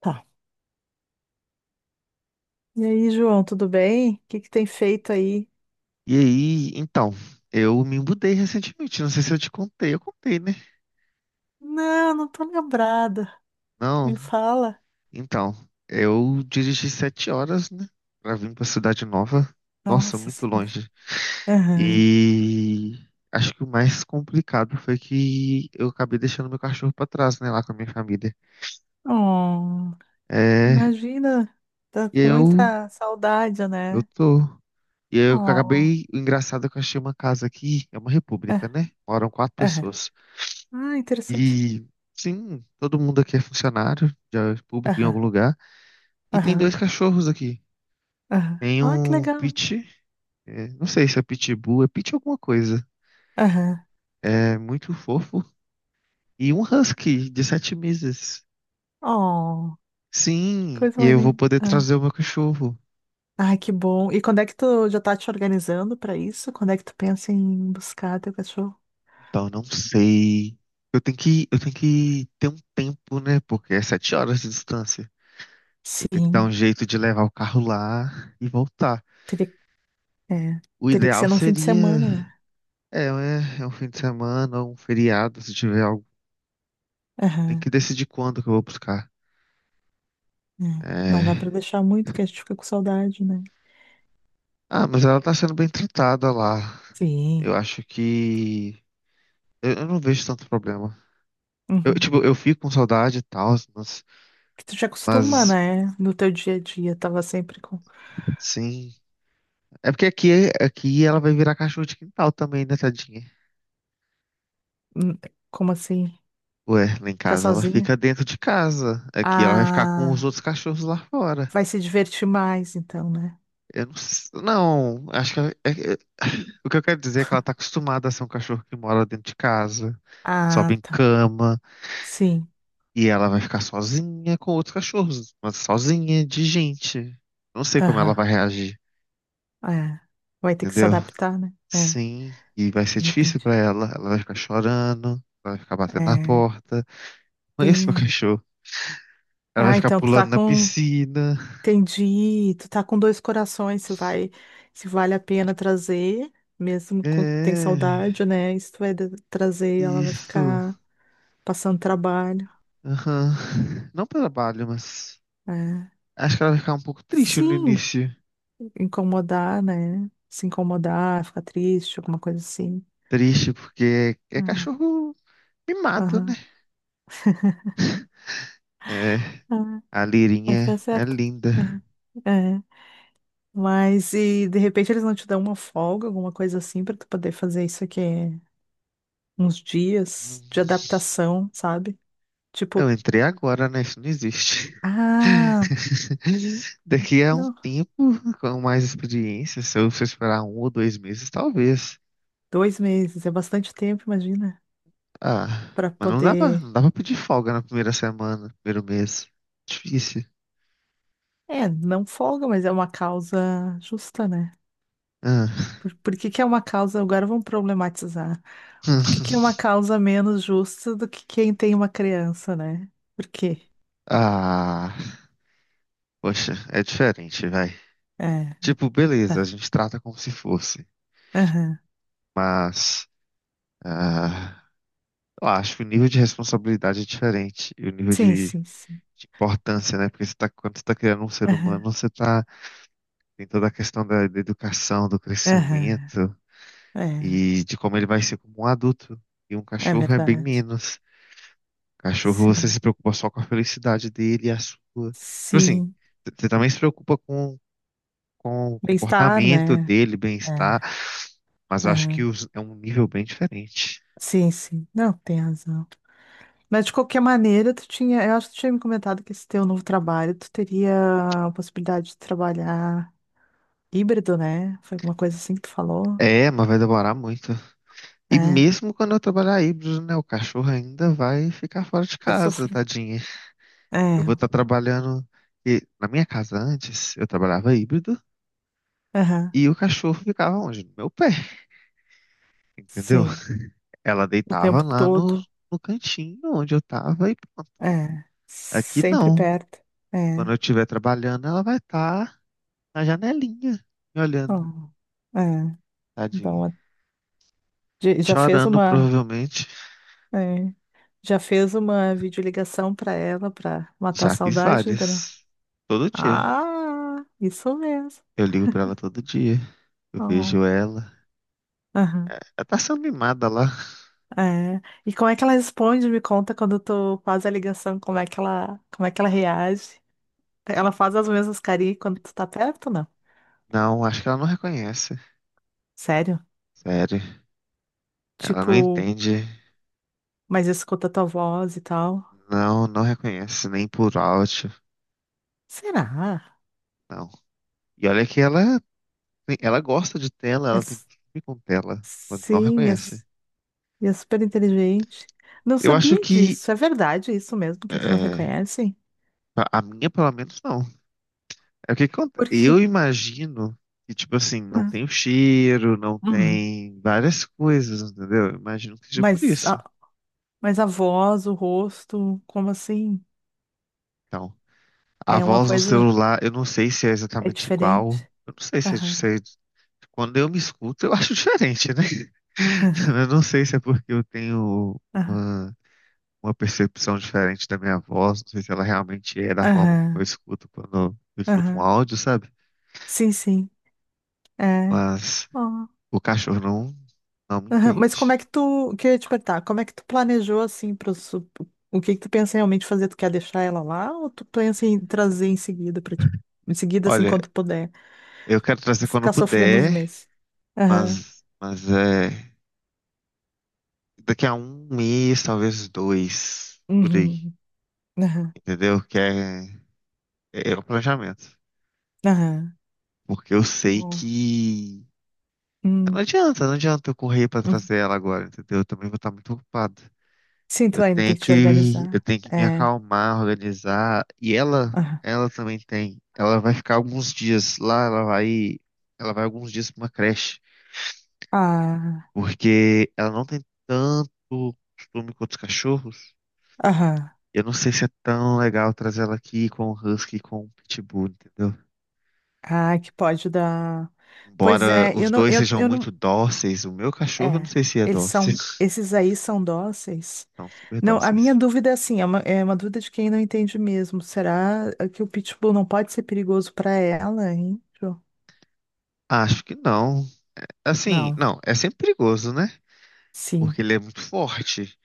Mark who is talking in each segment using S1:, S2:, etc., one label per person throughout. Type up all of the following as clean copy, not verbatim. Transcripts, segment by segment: S1: Tá. E aí, João, tudo bem? O que que tem feito aí?
S2: E aí, então, eu me mudei recentemente. Não sei se eu te contei, eu contei, né?
S1: Não, não tô lembrada.
S2: Não,
S1: Me fala.
S2: então, eu dirigi 7 horas, né? Pra vir pra cidade nova. Nossa,
S1: Nossa
S2: muito
S1: Senhora.
S2: longe.
S1: Aham.
S2: E acho que o mais complicado foi que eu acabei deixando meu cachorro pra trás, né? Lá com a minha família.
S1: Oh,
S2: É,
S1: imagina, tá
S2: e
S1: com
S2: eu,
S1: muita saudade,
S2: eu
S1: né?
S2: tô. E eu
S1: Oh,
S2: acabei. O engraçado é que eu achei uma casa aqui, é uma república,
S1: é,
S2: né? Moram quatro
S1: aham.
S2: pessoas.
S1: Ah, interessante.
S2: E sim, todo mundo aqui é funcionário, já é público em
S1: Aham,
S2: algum lugar. E tem
S1: aham,
S2: dois cachorros aqui.
S1: aham.
S2: Tem
S1: Ah, que
S2: um
S1: legal.
S2: Pit, é, não sei se é Pitbull, é Pit alguma coisa.
S1: Aham.
S2: É muito fofo. E um Husky de 7 meses.
S1: Oh, que
S2: Sim,
S1: coisa
S2: e
S1: mais
S2: eu vou
S1: linda.
S2: poder
S1: Ah.
S2: trazer o meu cachorro.
S1: Ai, que bom. E quando é que tu já tá te organizando pra isso? Quando é que tu pensa em buscar teu cachorro?
S2: Então, não sei. Eu tenho que ter um tempo, né? Porque é 7 horas de distância. Eu tenho que dar um
S1: Sim.
S2: jeito de levar o carro lá e voltar.
S1: É,
S2: O
S1: teria que
S2: ideal
S1: ser num fim de
S2: seria
S1: semana, né?
S2: é um fim de semana, ou um feriado, se tiver algo. Tem
S1: Aham,
S2: que decidir quando que eu vou buscar.
S1: é. Não dá
S2: É.
S1: pra deixar muito, que a gente fica com saudade, né?
S2: Ah, mas ela tá sendo bem tratada lá.
S1: Sim.
S2: Eu acho que. Eu não vejo tanto problema. Eu,
S1: Uhum.
S2: tipo, eu fico com saudade e tal, mas,
S1: Que tu te acostuma,
S2: mas
S1: né? No teu dia a dia, tava sempre com...
S2: sim. É porque aqui ela vai virar cachorro de quintal também, né, tadinha?
S1: Hum, como assim?
S2: Ué, lá em
S1: Ficar
S2: casa ela
S1: sozinha?
S2: fica dentro de casa. Aqui ela vai ficar com os
S1: Ah,
S2: outros cachorros lá fora.
S1: vai se divertir mais, então, né?
S2: Eu não, não, acho que o que eu quero dizer é que ela tá acostumada a ser um cachorro que mora dentro de casa, sobe
S1: Ah,
S2: em
S1: tá.
S2: cama,
S1: Sim.
S2: e ela vai ficar sozinha com outros cachorros, mas sozinha de gente. Não sei como ela
S1: Aham.
S2: vai reagir,
S1: É. Vai ter que se
S2: entendeu?
S1: adaptar, né? É,
S2: Sim, e vai ser
S1: de
S2: difícil
S1: repente.
S2: pra ela. Ela vai ficar chorando, ela vai ficar batendo na
S1: É.
S2: porta. Mas esse é o
S1: P-
S2: cachorro. Ela vai
S1: Ah,
S2: ficar
S1: então tu tá
S2: pulando na
S1: com
S2: piscina.
S1: entendi. Tu tá com dois corações, se vai, se vale a pena trazer, mesmo com tem
S2: É,
S1: saudade, né? E se tu vai de- trazer, ela vai
S2: isso.
S1: ficar passando trabalho.
S2: Aham. Não pelo trabalho, mas.
S1: É.
S2: Acho que ela vai ficar um pouco triste no
S1: Sim,
S2: início.
S1: incomodar, né? Se incomodar, ficar triste, alguma coisa assim.
S2: Triste porque é
S1: É.
S2: cachorro mimado, né?
S1: Aham.
S2: É,
S1: Ah,
S2: a Lirinha
S1: mas tá
S2: é
S1: certo.
S2: linda.
S1: É. É. Mas e de repente eles não te dão uma folga, alguma coisa assim, pra tu poder fazer isso aqui uns
S2: Hum,
S1: dias de adaptação, sabe?
S2: Eu
S1: Tipo,
S2: entrei agora, né? Isso não existe.
S1: ah,
S2: Daqui a um
S1: não.
S2: tempo, com mais experiência, se eu for esperar 1 ou 2 meses, talvez.
S1: Dois meses é bastante tempo, imagina.
S2: Ah,
S1: Pra
S2: mas não dá pra, não
S1: poder.
S2: dá pra pedir folga na primeira semana, primeiro mês. Difícil.
S1: É, não folga, mas é uma causa justa, né?
S2: Ah,
S1: Por que que é uma causa? Agora vamos problematizar. Por que que é uma causa menos justa do que quem tem uma criança, né? Por quê?
S2: ah, poxa, é diferente, vai.
S1: É,
S2: Tipo, beleza, a
S1: tá.
S2: gente trata como se fosse,
S1: Aham.
S2: mas ah, eu acho que o nível de responsabilidade é diferente e o nível
S1: Sim,
S2: de,
S1: sim, sim.
S2: de importância, né? Porque você tá, quando você está criando um ser humano,
S1: Aham.
S2: você tá, tem toda a questão da educação, do
S1: Aham.
S2: crescimento
S1: É,
S2: e de como ele vai ser como um adulto. E um
S1: é
S2: cachorro é bem
S1: verdade.
S2: menos. Cachorro, você
S1: Sim.
S2: se preocupa só com a felicidade dele e a sua. Tipo assim,
S1: Sim.
S2: você também se preocupa com o
S1: Bem-estar,
S2: comportamento
S1: né?
S2: dele, bem-estar,
S1: É.
S2: mas eu acho que
S1: Aham.
S2: é um nível bem diferente.
S1: Sim, sim. Não, tem razão. Mas de qualquer maneira, tu tinha, eu acho que tu tinha me comentado que esse teu novo trabalho, tu teria a possibilidade de trabalhar híbrido, né? Foi alguma coisa assim que tu falou?
S2: É, mas vai demorar muito. E
S1: É,
S2: mesmo quando eu trabalhar híbrido, né, o cachorro ainda vai ficar fora de
S1: vai
S2: casa,
S1: sofrer.
S2: tadinha. Eu
S1: É,
S2: vou estar trabalhando e na minha casa antes, eu trabalhava híbrido
S1: aham,
S2: e o cachorro ficava onde? No meu pé, entendeu?
S1: sim.
S2: Ela
S1: O
S2: deitava
S1: tempo
S2: lá no,
S1: todo.
S2: no cantinho onde eu tava e pronto.
S1: É,
S2: Aqui
S1: sempre
S2: não.
S1: perto. É,
S2: Quando eu estiver trabalhando, ela vai estar na janelinha, me olhando,
S1: oh, é. Então, a-
S2: tadinha.
S1: de- já fez
S2: Chorando,
S1: uma,
S2: provavelmente.
S1: é, já fez uma videoligação pra ela pra matar a
S2: Já fiz
S1: saudade ainda não?
S2: várias. Todo dia.
S1: Ah, isso mesmo.
S2: Eu ligo pra ela todo dia. Eu
S1: Oh,
S2: vejo ela. Ela tá sendo mimada lá.
S1: é. E como é que ela responde? Me conta quando tu faz a ligação, como é que ela, como é que ela reage? Ela faz as mesmas carinhas quando tu tá perto, não?
S2: Não, acho que ela não reconhece.
S1: Sério?
S2: Sério. Ela não
S1: Tipo,
S2: entende.
S1: mas escuta tua voz e tal.
S2: Não, não reconhece. Nem por áudio.
S1: Será?
S2: Não. E olha que ela gosta de tela.
S1: É,
S2: Ela tem
S1: s-
S2: costume com tela. Mas não
S1: sim, é,
S2: reconhece.
S1: s- e é super inteligente. Não
S2: Eu acho
S1: sabia
S2: que.
S1: disso. É verdade isso mesmo que eles não
S2: É,
S1: reconhecem?
S2: a minha, pelo menos, não.
S1: Por quê?
S2: Eu imagino que, tipo assim, não
S1: Hum.
S2: tem o cheiro, não
S1: Uhum.
S2: tem várias coisas, entendeu? Eu imagino que seja por
S1: Mas
S2: isso.
S1: a, mas a voz, o rosto, como assim?
S2: Então, a
S1: É uma
S2: voz no
S1: coisa,
S2: celular, eu não sei se é
S1: é
S2: exatamente igual.
S1: diferente.
S2: Eu não sei se é,
S1: Aham.
S2: se é- quando eu me escuto, eu acho diferente, né? Eu não sei se é porque eu tenho uma, uma, percepção diferente da minha voz, não sei se ela realmente é da forma como eu
S1: Aham,
S2: escuto quando eu escuto um
S1: aham.
S2: áudio, sabe?
S1: Sim, sim. É.
S2: Mas
S1: Ó.
S2: o cachorro não me
S1: Aham, mas como é
S2: entende.
S1: que tu, queria te perguntar, como é que tu planejou assim para o que que tu pensa realmente fazer? Tu quer deixar ela lá ou tu pensa em trazer em seguida para ti? Em seguida, assim,
S2: Olha,
S1: quando tu puder,
S2: eu quero trazer quando
S1: ficar sofrendo uns
S2: puder,
S1: meses. Aham.
S2: mas é daqui a um mês, talvez dois, por aí,
S1: Uhum. Aham.
S2: entendeu? Que é o planejamento.
S1: Aham.
S2: Porque eu sei
S1: Ó.
S2: que não
S1: Hum,
S2: adianta, não adianta eu correr pra
S1: hum.
S2: trazer ela agora, entendeu? Eu também vou estar muito ocupado.
S1: Sim, tu
S2: Eu
S1: ainda tem
S2: tenho
S1: que te
S2: que, eu
S1: organizar.
S2: tenho que me
S1: É.
S2: acalmar, organizar. E ela,
S1: Aham.
S2: ela também tem. Ela vai ficar alguns dias lá, ela vai alguns dias pra uma creche.
S1: Ah.
S2: Porque ela não tem tanto costume com outros cachorros.
S1: Aham.
S2: Eu não sei se é tão legal trazer ela aqui com o Husky e com o Pitbull, entendeu?
S1: Ah, que pode dar. Pois
S2: Embora
S1: é,
S2: os dois sejam
S1: eu
S2: muito
S1: não,
S2: dóceis, o meu cachorro eu não
S1: é,
S2: sei se é
S1: eles
S2: dócil.
S1: são, esses aí são dóceis.
S2: São super
S1: Não, a minha
S2: dóceis.
S1: dúvida é assim, é uma dúvida de quem não entende mesmo. Será que o pitbull não pode ser perigoso para ela, hein? Jo?
S2: Acho que não. Assim,
S1: Não,
S2: não, é sempre perigoso, né?
S1: sim,
S2: Porque ele é muito forte,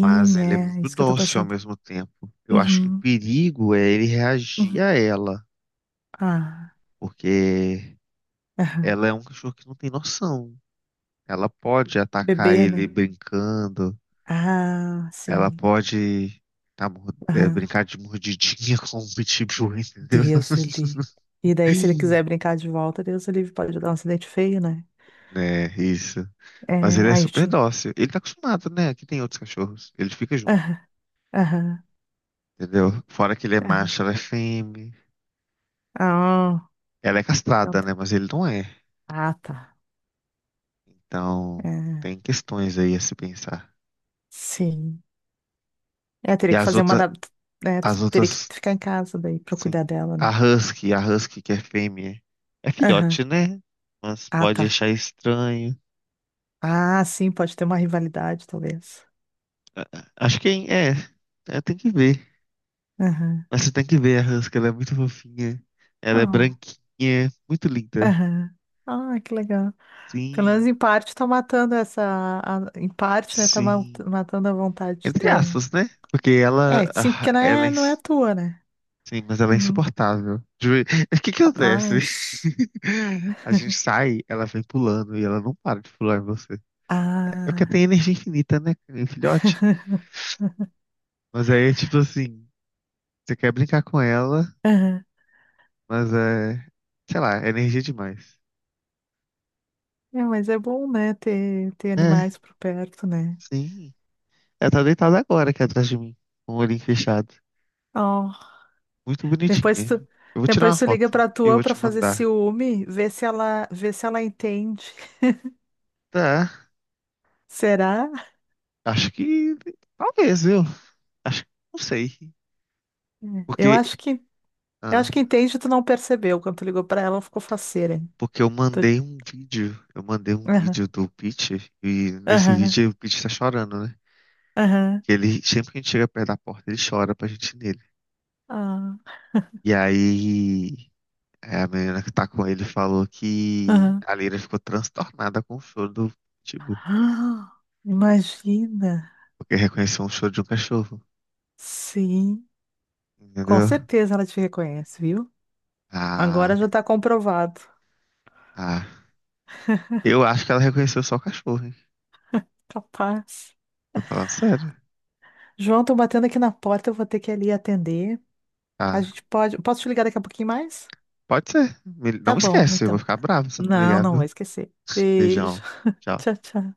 S2: mas ele é
S1: é
S2: muito
S1: isso que eu tô
S2: dócil ao
S1: pensando.
S2: mesmo tempo. Eu acho que o
S1: Uhum,
S2: perigo é ele reagir
S1: uhum.
S2: a ela,
S1: Ah,
S2: porque
S1: aham.
S2: ela é um cachorro que não tem noção. Ela pode atacar
S1: Bebê,
S2: ele
S1: né?
S2: brincando,
S1: Ah,
S2: ela
S1: sim.
S2: pode
S1: Aham.
S2: brincar de mordidinha com o pitbull, entendeu?
S1: Deus o livre. E daí, se ele quiser brincar de volta, Deus o livre, pode dar um acidente feio, né?
S2: É, isso. Mas
S1: É,
S2: ele é
S1: aí,
S2: super
S1: sim.
S2: dócil. Ele tá acostumado, né? Aqui tem outros cachorros. Ele fica junto,
S1: Aham, aham,
S2: entendeu? Fora que ele é
S1: aham.
S2: macho, ela é fêmea.
S1: Ah,
S2: Ela é
S1: então
S2: castrada,
S1: tá.
S2: né? Mas ele não é.
S1: Ah, tá.
S2: Então,
S1: É,
S2: tem questões aí a se pensar.
S1: sim. É,
S2: E
S1: teria que fazer uma. Da- É,
S2: as
S1: teria que
S2: outras
S1: ficar em casa daí pra
S2: Sim.
S1: cuidar dela,
S2: A
S1: né?
S2: Husky, a Husky que é fêmea. É
S1: Aham.
S2: filhote, né? Mas
S1: Ah,
S2: pode
S1: tá.
S2: achar estranho.
S1: Ah, sim, pode ter uma rivalidade, talvez.
S2: Acho que tem que ver.
S1: Aham.
S2: Mas você tem que ver a Husky, ela é muito fofinha. Ela é
S1: Ó.
S2: branquinha, muito linda.
S1: Aham. Ah, que legal. Pelo
S2: Sim,
S1: menos em parte tá matando essa. A- em parte, né? Tá ma-
S2: sim.
S1: matando a vontade de
S2: Entre
S1: ter um.
S2: aspas, né? Porque
S1: É,
S2: ela,
S1: sim,
S2: ah,
S1: porque não
S2: ela é,
S1: é, não é a
S2: ins-
S1: tua, né?
S2: sim, mas ela é
S1: Uhum.
S2: insuportável. O que que acontece?
S1: Capaz.
S2: A gente sai, ela vem pulando e ela não para de pular em você. É porque
S1: Ah.
S2: tem energia infinita, né, filhote? Mas aí, tipo assim, você quer brincar com ela,
S1: Aham.
S2: mas é, sei lá, é energia demais.
S1: É, mas é bom, né? Ter
S2: É,
S1: animais por perto, né?
S2: sim. Ela tá deitada agora aqui atrás de mim, com o olhinho fechado.
S1: Ó.
S2: Muito
S1: Depois
S2: bonitinha.
S1: tu,
S2: Eu vou tirar
S1: depois
S2: uma
S1: tu liga
S2: foto
S1: pra
S2: e eu
S1: tua
S2: vou
S1: pra
S2: te
S1: fazer
S2: mandar.
S1: ciúme, vê se ela entende.
S2: Tá.
S1: Será?
S2: Acho que talvez, viu? Acho que não sei.
S1: É. Eu
S2: Porque,
S1: acho que, eu
S2: ah,
S1: acho que entende, tu não percebeu. Quando tu ligou pra ela, ela ficou faceira. Hein?
S2: porque eu
S1: Tu...
S2: mandei um vídeo. Eu mandei um
S1: Aham,
S2: vídeo do Pete e nesse
S1: aham,
S2: vídeo o Pete tá chorando, né?
S1: aham,
S2: Que ele sempre que a gente chega perto da porta, ele chora pra gente ir nele.
S1: ah,
S2: E aí, a menina que tá com ele falou que
S1: aham.
S2: a Lira ficou transtornada com o choro do Pitbull,
S1: Ah, imagina.
S2: porque reconheceu um choro de um cachorro,
S1: Sim, com
S2: entendeu?
S1: certeza ela te reconhece, viu? Agora
S2: Ah,
S1: já tá comprovado.
S2: ah. Eu acho que ela reconheceu só o cachorro, hein?
S1: Capaz.
S2: Tô falando sério.
S1: João, tô batendo aqui na porta, eu vou ter que ir ali atender. A
S2: Ah,
S1: gente pode. Posso te ligar daqui a pouquinho mais?
S2: pode ser.
S1: Tá
S2: Não
S1: bom,
S2: esquece, eu vou
S1: então.
S2: ficar bravo se não me
S1: Não,
S2: ligar,
S1: não vou
S2: viu?
S1: esquecer. Beijo.
S2: Beijão. Tchau.
S1: Tchau, tchau.